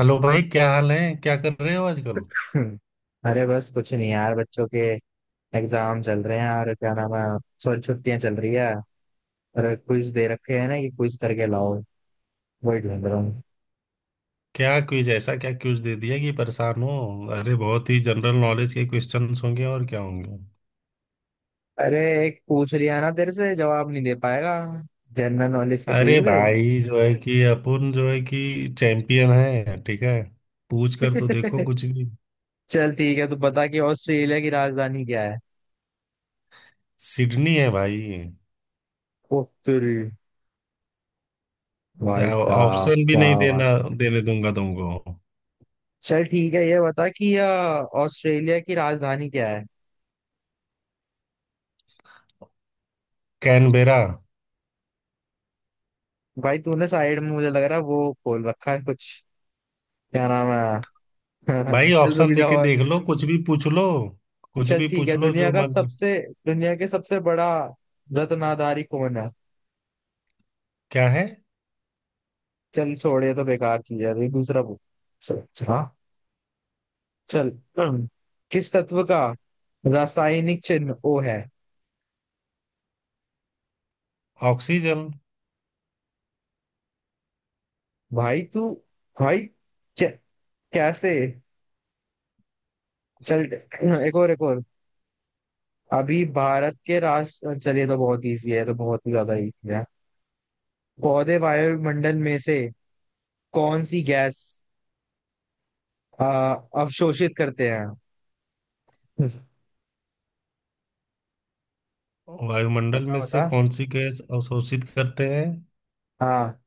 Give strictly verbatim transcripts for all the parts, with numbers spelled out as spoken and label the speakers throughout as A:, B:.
A: Hello भाई, क्या हाल है? क्या कर रहे हो आजकल?
B: हम्म, अरे बस कुछ नहीं यार, बच्चों के एग्जाम चल रहे हैं। और क्या नाम है, सॉरी, छुट्टियां चल रही है। और क्विज दे रखे हैं ना कि क्विज करके लाओ, वही ढूंढ रहा हूँ।
A: क्या क्विज? ऐसा क्या क्विज दे दिया कि परेशान हो? अरे बहुत ही जनरल नॉलेज के क्वेश्चंस होंगे और क्या होंगे।
B: अरे, एक पूछ लिया ना तेरे से जवाब नहीं दे पाएगा, जनरल नॉलेज के
A: अरे
B: क्विज।
A: भाई, जो है कि अपन जो है कि चैंपियन है, ठीक है। पूछ कर तो देखो कुछ भी।
B: चल ठीक है, तू बता कि ऑस्ट्रेलिया की राजधानी क्या है।
A: सिडनी है भाई।
B: ओ तेरी, भाई साहब,
A: ऑप्शन भी
B: क्या
A: नहीं देना,
B: बात।
A: देने दूंगा तुमको।
B: चल ठीक है, ये बता कि अ, ऑस्ट्रेलिया की राजधानी क्या है।
A: कैनबेरा।
B: भाई, तूने साइड में मुझे लग रहा है वो खोल रखा है कुछ, क्या नाम है। हाँ, हाँ,
A: भाई
B: चल रुक
A: ऑप्शन
B: जाओ।
A: देके
B: और
A: देख लो, कुछ भी पूछ लो, कुछ
B: चल
A: भी
B: ठीक
A: पूछ
B: है,
A: लो
B: दुनिया
A: जो
B: का
A: मन।
B: सबसे दुनिया के सबसे बड़ा रत्नाधारी कौन है।
A: क्या है?
B: चल छोड़, ये तो बेकार चीज है, अभी दूसरा पूछ। चल, हाँ। चल। हम्म, किस तत्व का रासायनिक चिन्ह ओ है।
A: ऑक्सीजन।
B: भाई तू, भाई, कै, कैसे। चल। एक और, एक और। अभी भारत के राष्ट्र चलिए तो बहुत इजी है, ये तो बहुत ही ज्यादा इजी है। पौधे वायुमंडल में से कौन सी गैस आ, अवशोषित करते हैं।
A: वायुमंडल में
B: बता
A: से
B: बता।
A: कौन सी गैस अवशोषित करते हैं?
B: हाँ।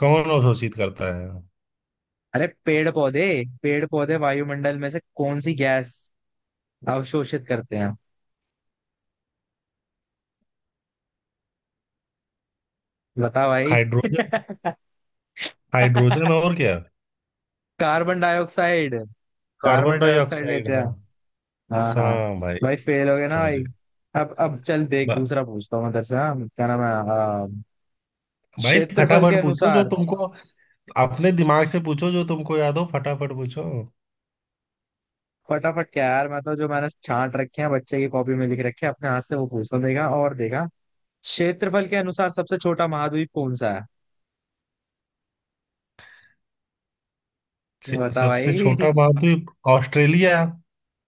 A: कौन अवशोषित करता है?
B: अरे पेड़ पौधे, पेड़ पौधे वायुमंडल में से कौन सी गैस अवशोषित करते हैं, बता भाई।
A: हाइड्रोजन। हाइड्रोजन और क्या?
B: Carbon dioxide.
A: Carbon
B: carbon dioxide
A: dioxide.
B: लेते हैं।
A: हाँ,
B: हाँ हाँ।
A: हाँ भाई।
B: भाई फेल हो गया ना भाई।
A: सॉरी।
B: अब अब चल देख,
A: बा,
B: दूसरा पूछता हूँ मदरसे। हाँ, क्या नाम है। हाँ,
A: भाई
B: क्षेत्रफल के
A: फटाफट पूछो जो
B: अनुसार।
A: तुमको। अपने दिमाग से पूछो जो तुमको याद हो, फटाफट पूछो।
B: फटाफट क्या यार, मैं तो जो मैंने छांट रखे हैं बच्चे की कॉपी में लिख रखे हैं अपने हाथ से, वो पूछता हूँ, देखा और देखा। क्षेत्रफल के अनुसार सबसे छोटा महाद्वीप कौन सा है,
A: से-
B: बता
A: सबसे
B: भाई।
A: छोटा महाद्वीप? ऑस्ट्रेलिया।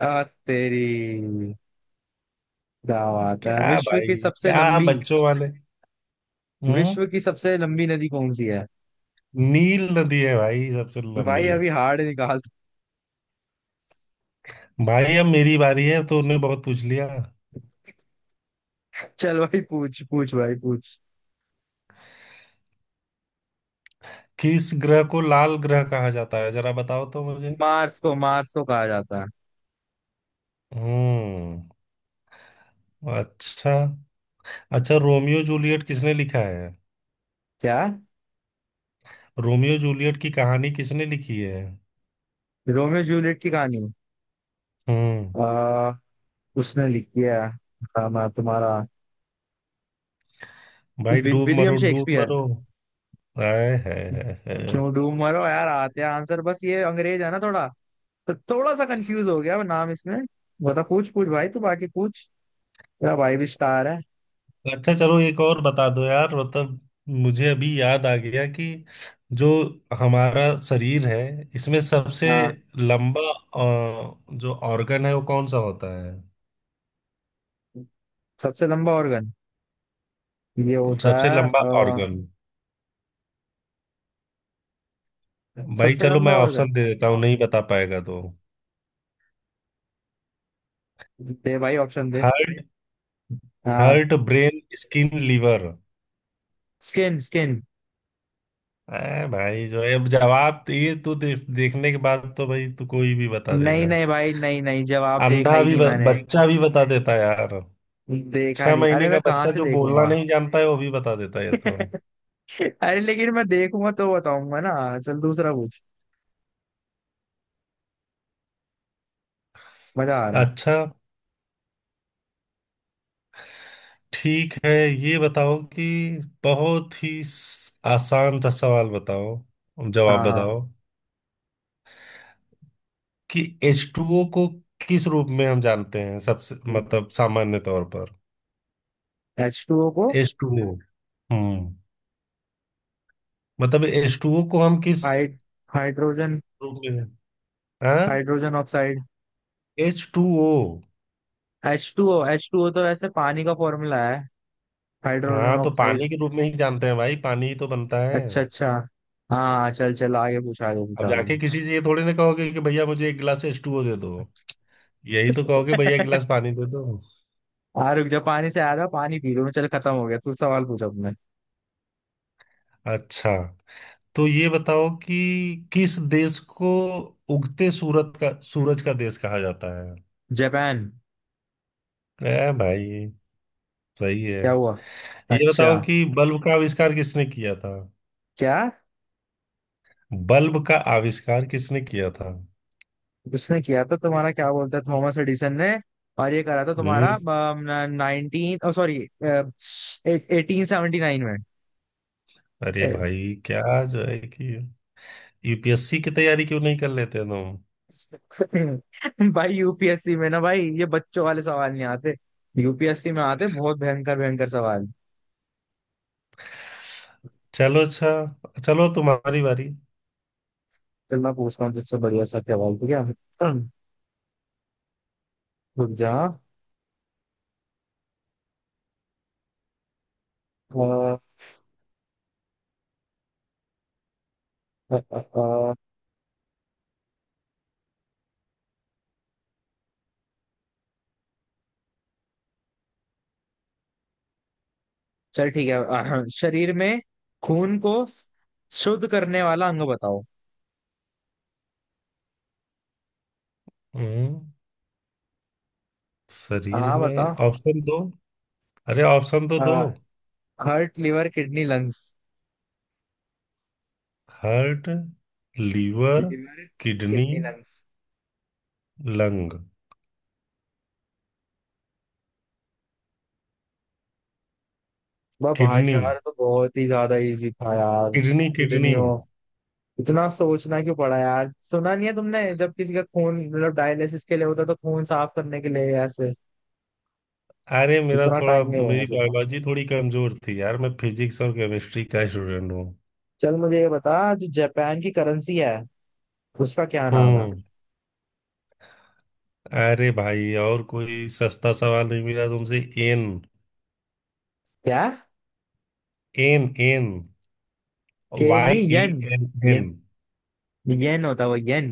B: आ, तेरी दावत है।
A: क्या
B: विश्व
A: भाई?
B: की सबसे
A: क्या
B: लंबी
A: बच्चों वाले। हम्म।
B: विश्व की सबसे लंबी नदी कौन सी है।
A: नील नदी है भाई, सबसे
B: भाई
A: लंबी।
B: अभी हार्ड निकाल।
A: भाई अब मेरी बारी है, तो उन्हें बहुत पूछ लिया।
B: चल भाई, पूछ पूछ भाई पूछ।
A: किस ग्रह को लाल ग्रह कहा जाता है, जरा बताओ तो मुझे।
B: मार्स को मार्स को कहा जाता है।
A: हम्म। अच्छा। अच्छा, रोमियो जूलियट किसने लिखा है?
B: क्या।
A: रोमियो जूलियट की कहानी किसने लिखी है?
B: रोमियो जूलियट की कहानी।
A: हम्म।
B: आ, उसने लिखी है हाँ, मैं तुम्हारा।
A: भाई
B: वि,
A: डूब
B: विलियम
A: मरो, डूब
B: शेक्सपियर।
A: मरो। आए है, है, है।
B: क्यों डूब मरो यार, आते हैं आंसर, बस ये अंग्रेज है ना थोड़ा, तो थोड़ा सा कंफ्यूज हो गया मैं नाम इसमें। बता पूछ पूछ भाई, तू बाकी पूछ। तेरा भाई भी स्टार है।
A: अच्छा चलो एक और बता दो यार, मतलब मुझे अभी याद आ गया कि जो हमारा शरीर है, इसमें सबसे
B: हाँ।
A: लंबा अ, जो ऑर्गन है, वो कौन सा होता है?
B: सबसे लंबा ऑर्गन ये होता
A: सबसे
B: है
A: लंबा
B: अ,
A: ऑर्गन। भाई
B: सबसे
A: चलो
B: लंबा
A: मैं ऑप्शन
B: ऑर्गन।
A: दे देता हूँ, नहीं बता पाएगा तो।
B: दे भाई ऑप्शन दे।
A: हार्ट।
B: हाँ।
A: Heart, brain, skin, liver.
B: Skin, skin.
A: ए भाई, जो है, अब जवाब तो ये तो दे, देखने के बाद तो भाई तू कोई भी बता
B: नहीं
A: देगा।
B: नहीं भाई, नहीं नहीं, जवाब देखा
A: अंधा
B: ही
A: भी,
B: नहीं
A: ब,
B: मैंने,
A: बच्चा भी बता देता है यार।
B: देखा
A: छह
B: नहीं, अरे
A: महीने का
B: मैं कहाँ
A: बच्चा
B: से
A: जो बोलना
B: देखूंगा।
A: नहीं जानता है, वो भी बता देता है ये तो।
B: अरे लेकिन मैं देखूंगा तो बताऊंगा ना, चल दूसरा पूछ, मजा आ रहा।
A: अच्छा। ठीक है, ये बताओ कि बहुत ही स- आसान सा सवाल बताओ, जवाब
B: हाँ हाँ।
A: बताओ, कि एच टू ओ को किस रूप में हम जानते हैं, सबसे मतलब सामान्य तौर पर?
B: एच टू ओ को
A: एच टू ओ। हम्म। मतलब एच टू ओ को हम किस
B: हाइड हाइड्रोजन,
A: रूप में? हाँ।
B: Hydrogen oxide.
A: H two O.
B: H two O, H two O तो वैसे पानी का फॉर्मूला है, हाइड्रोजन
A: हाँ, तो
B: ऑक्साइड।
A: पानी के रूप में ही जानते हैं भाई, पानी ही तो बनता है।
B: अच्छा अच्छा। हाँ चल चल, आगे पूछ आगे पूछ
A: अब
B: आगे
A: जाके
B: पूछ।
A: किसी से ये थोड़ी ना कहोगे कि भैया मुझे एक गिलास एच टू ओ दे दो। यही तो कहोगे, भैया एक गिलास पानी दे दो।
B: हाँ रुक जा, पानी से आया था, पानी पी लो, चल खत्म हो गया, तू सवाल पूछ अपने।
A: अच्छा, तो ये बताओ कि किस देश को उगते सूरत का, सूरज का देश कहा जाता है?
B: जापान।
A: ए भाई, सही है।
B: क्या हुआ।
A: ये
B: अच्छा,
A: बताओ कि बल्ब का आविष्कार किसने किया था?
B: क्या।
A: बल्ब का आविष्कार किसने किया था?
B: उसने किया था तुम्हारा, क्या बोलता है, थॉमस एडिसन ने। और ये करा था तुम्हारा
A: हम्म।
B: नाइनटीन ओ सॉरी एटीन सेवेंटी नाइन में।
A: अरे
B: अ,
A: भाई, क्या जो है कि यू पी एस सी की तैयारी क्यों नहीं कर लेते तुम?
B: भाई यूपीएससी में ना भाई, ये बच्चों वाले सवाल नहीं आते, यूपीएससी में आते बहुत भयंकर भयंकर सवाल।
A: चलो अच्छा, चलो तुम्हारी बारी।
B: फिर मैं पूछता हूँ तुझसे बढ़िया सा सवाल, ठीक है। रुक जा। अ, अ, अ, अ, चल ठीक है। अ, शरीर में खून को शुद्ध करने वाला अंग बताओ।
A: हम्म। शरीर
B: हाँ
A: में?
B: बताओ।
A: ऑप्शन दो। अरे ऑप्शन तो दो।
B: Heart, liver, kidney, lungs.
A: Heart, liver,
B: liver,
A: kidney,
B: kidney, lungs.
A: Lung.
B: वाह भाई
A: किडनी
B: यार, तो बहुत ही ज्यादा इजी था यार।
A: Kidney kidney.
B: किडनियों, इतना सोचना क्यों पड़ा यार। सुना नहीं है तुमने, जब किसी का खून मतलब डायलिसिस के लिए होता है, तो खून साफ करने के लिए ऐसे,
A: अरे मेरा
B: इतना
A: थोड़ा,
B: टाइम नहीं होगा।
A: मेरी बायोलॉजी थोड़ी कमजोर थी यार, मैं फिजिक्स और केमिस्ट्री का स्टूडेंट हूँ।
B: चल मुझे ये बता, जो जापान की करेंसी है उसका क्या नाम है।
A: हम्म। अरे भाई और कोई सस्ता सवाल नहीं मिला तुमसे? एन
B: क्या।
A: N N.
B: के नहीं,
A: वाई ई
B: येन।
A: एन।
B: ये।
A: एन।
B: येन होता है, वो येन।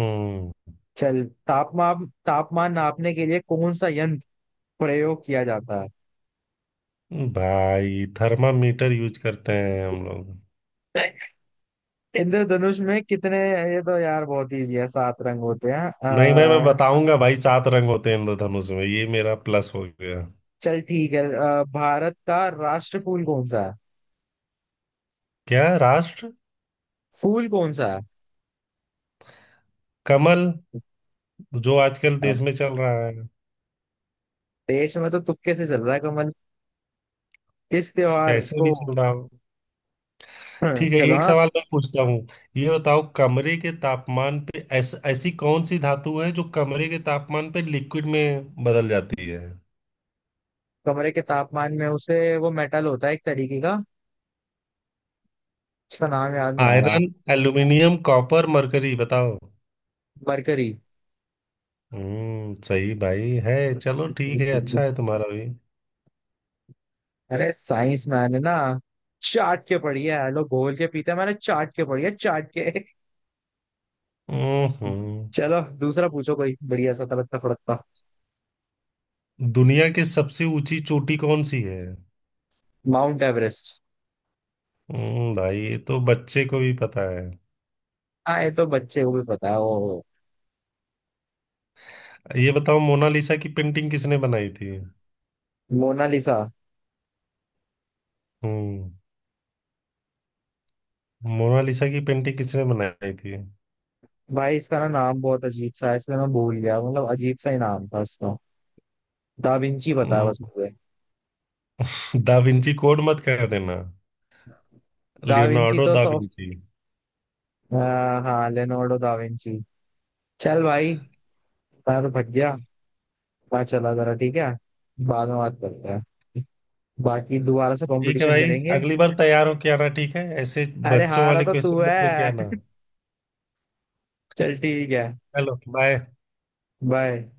A: हम्म।
B: चल, तापमान तापमान नापने के लिए कौन सा यंत्र प्रयोग किया जाता है।
A: भाई थर्मामीटर यूज करते हैं हम लोग।
B: इंद्रधनुष में कितने, ये तो यार बहुत इजी है, सात रंग होते हैं।
A: नहीं, मैं मैं
B: अ,
A: बताऊंगा भाई। सात रंग होते हैं इंद्रधनुष में, ये मेरा प्लस हो गया।
B: चल ठीक है, अ, भारत का राष्ट्र फूल कौन सा है,
A: क्या राष्ट्र?
B: फूल कौन सा है।
A: कमल, जो आजकल
B: अ,
A: देश में चल रहा है।
B: देश में तो तुक्के से चल रहा है कमल। इस त्योहार
A: कैसे
B: को
A: भी चल रहा हो। ठीक है,
B: चलो,
A: एक
B: हाँ,
A: सवाल मैं पूछता हूँ। ये बताओ कमरे के तापमान पे, ऐस, ऐसी कौन सी धातु है जो कमरे के तापमान पे लिक्विड में बदल जाती है?
B: कमरे के तापमान में उसे वो मेटल होता है एक तरीके का, उसका नाम याद नहीं आ रहा।
A: आयरन, एल्यूमिनियम, कॉपर, मरकरी, बताओ।
B: मरकरी।
A: हम्म, सही भाई है। चलो ठीक है, अच्छा है तुम्हारा भी।
B: अरे साइंस मैंने ना चाट के पढ़ी है, लोग घोल के पीते हैं, मैंने चाट के पढ़ी है, चाट के।
A: हम्म। हम्म।
B: चलो दूसरा पूछो कोई बढ़िया सा, तड़कता फड़कता।
A: दुनिया की सबसे ऊंची चोटी कौन सी है?
B: Mount Everest.
A: हम्म, भाई ये तो बच्चे को भी पता है।
B: हाँ ये तो बच्चे को भी पता है, वो
A: ये बताओ मोनालिसा की पेंटिंग किसने बनाई थी?
B: मोनालिसा।
A: हम्म। मोनालिसा की पेंटिंग किसने बनाई थी?
B: भाई इसका ना नाम बहुत अजीब सा है इसलिए मैं भूल गया, मतलब अजीब सा ही नाम था उसका, दा विंची पता है
A: हम्म।
B: बस मुझे।
A: दा विंची कोड मत कह देना।
B: दा विंची
A: लियोनार्डो
B: तो
A: दा
B: सॉफ्ट।
A: विंची।
B: हाँ, लेनोर्डो दा विंची। चल भाई, मैं तो थक गया, मैं चला जरा, ठीक है, बाद में बात करते हैं, बाकी दोबारा से
A: ठीक है
B: कंपटीशन
A: भाई,
B: करेंगे।
A: अगली बार तैयार होके आना, ठीक है ऐसे।
B: अरे
A: बच्चों
B: हारा
A: वाले
B: तो तू
A: क्वेश्चन मत लेके
B: है।
A: आना।
B: चल ठीक है,
A: चलो बाय।
B: बाय।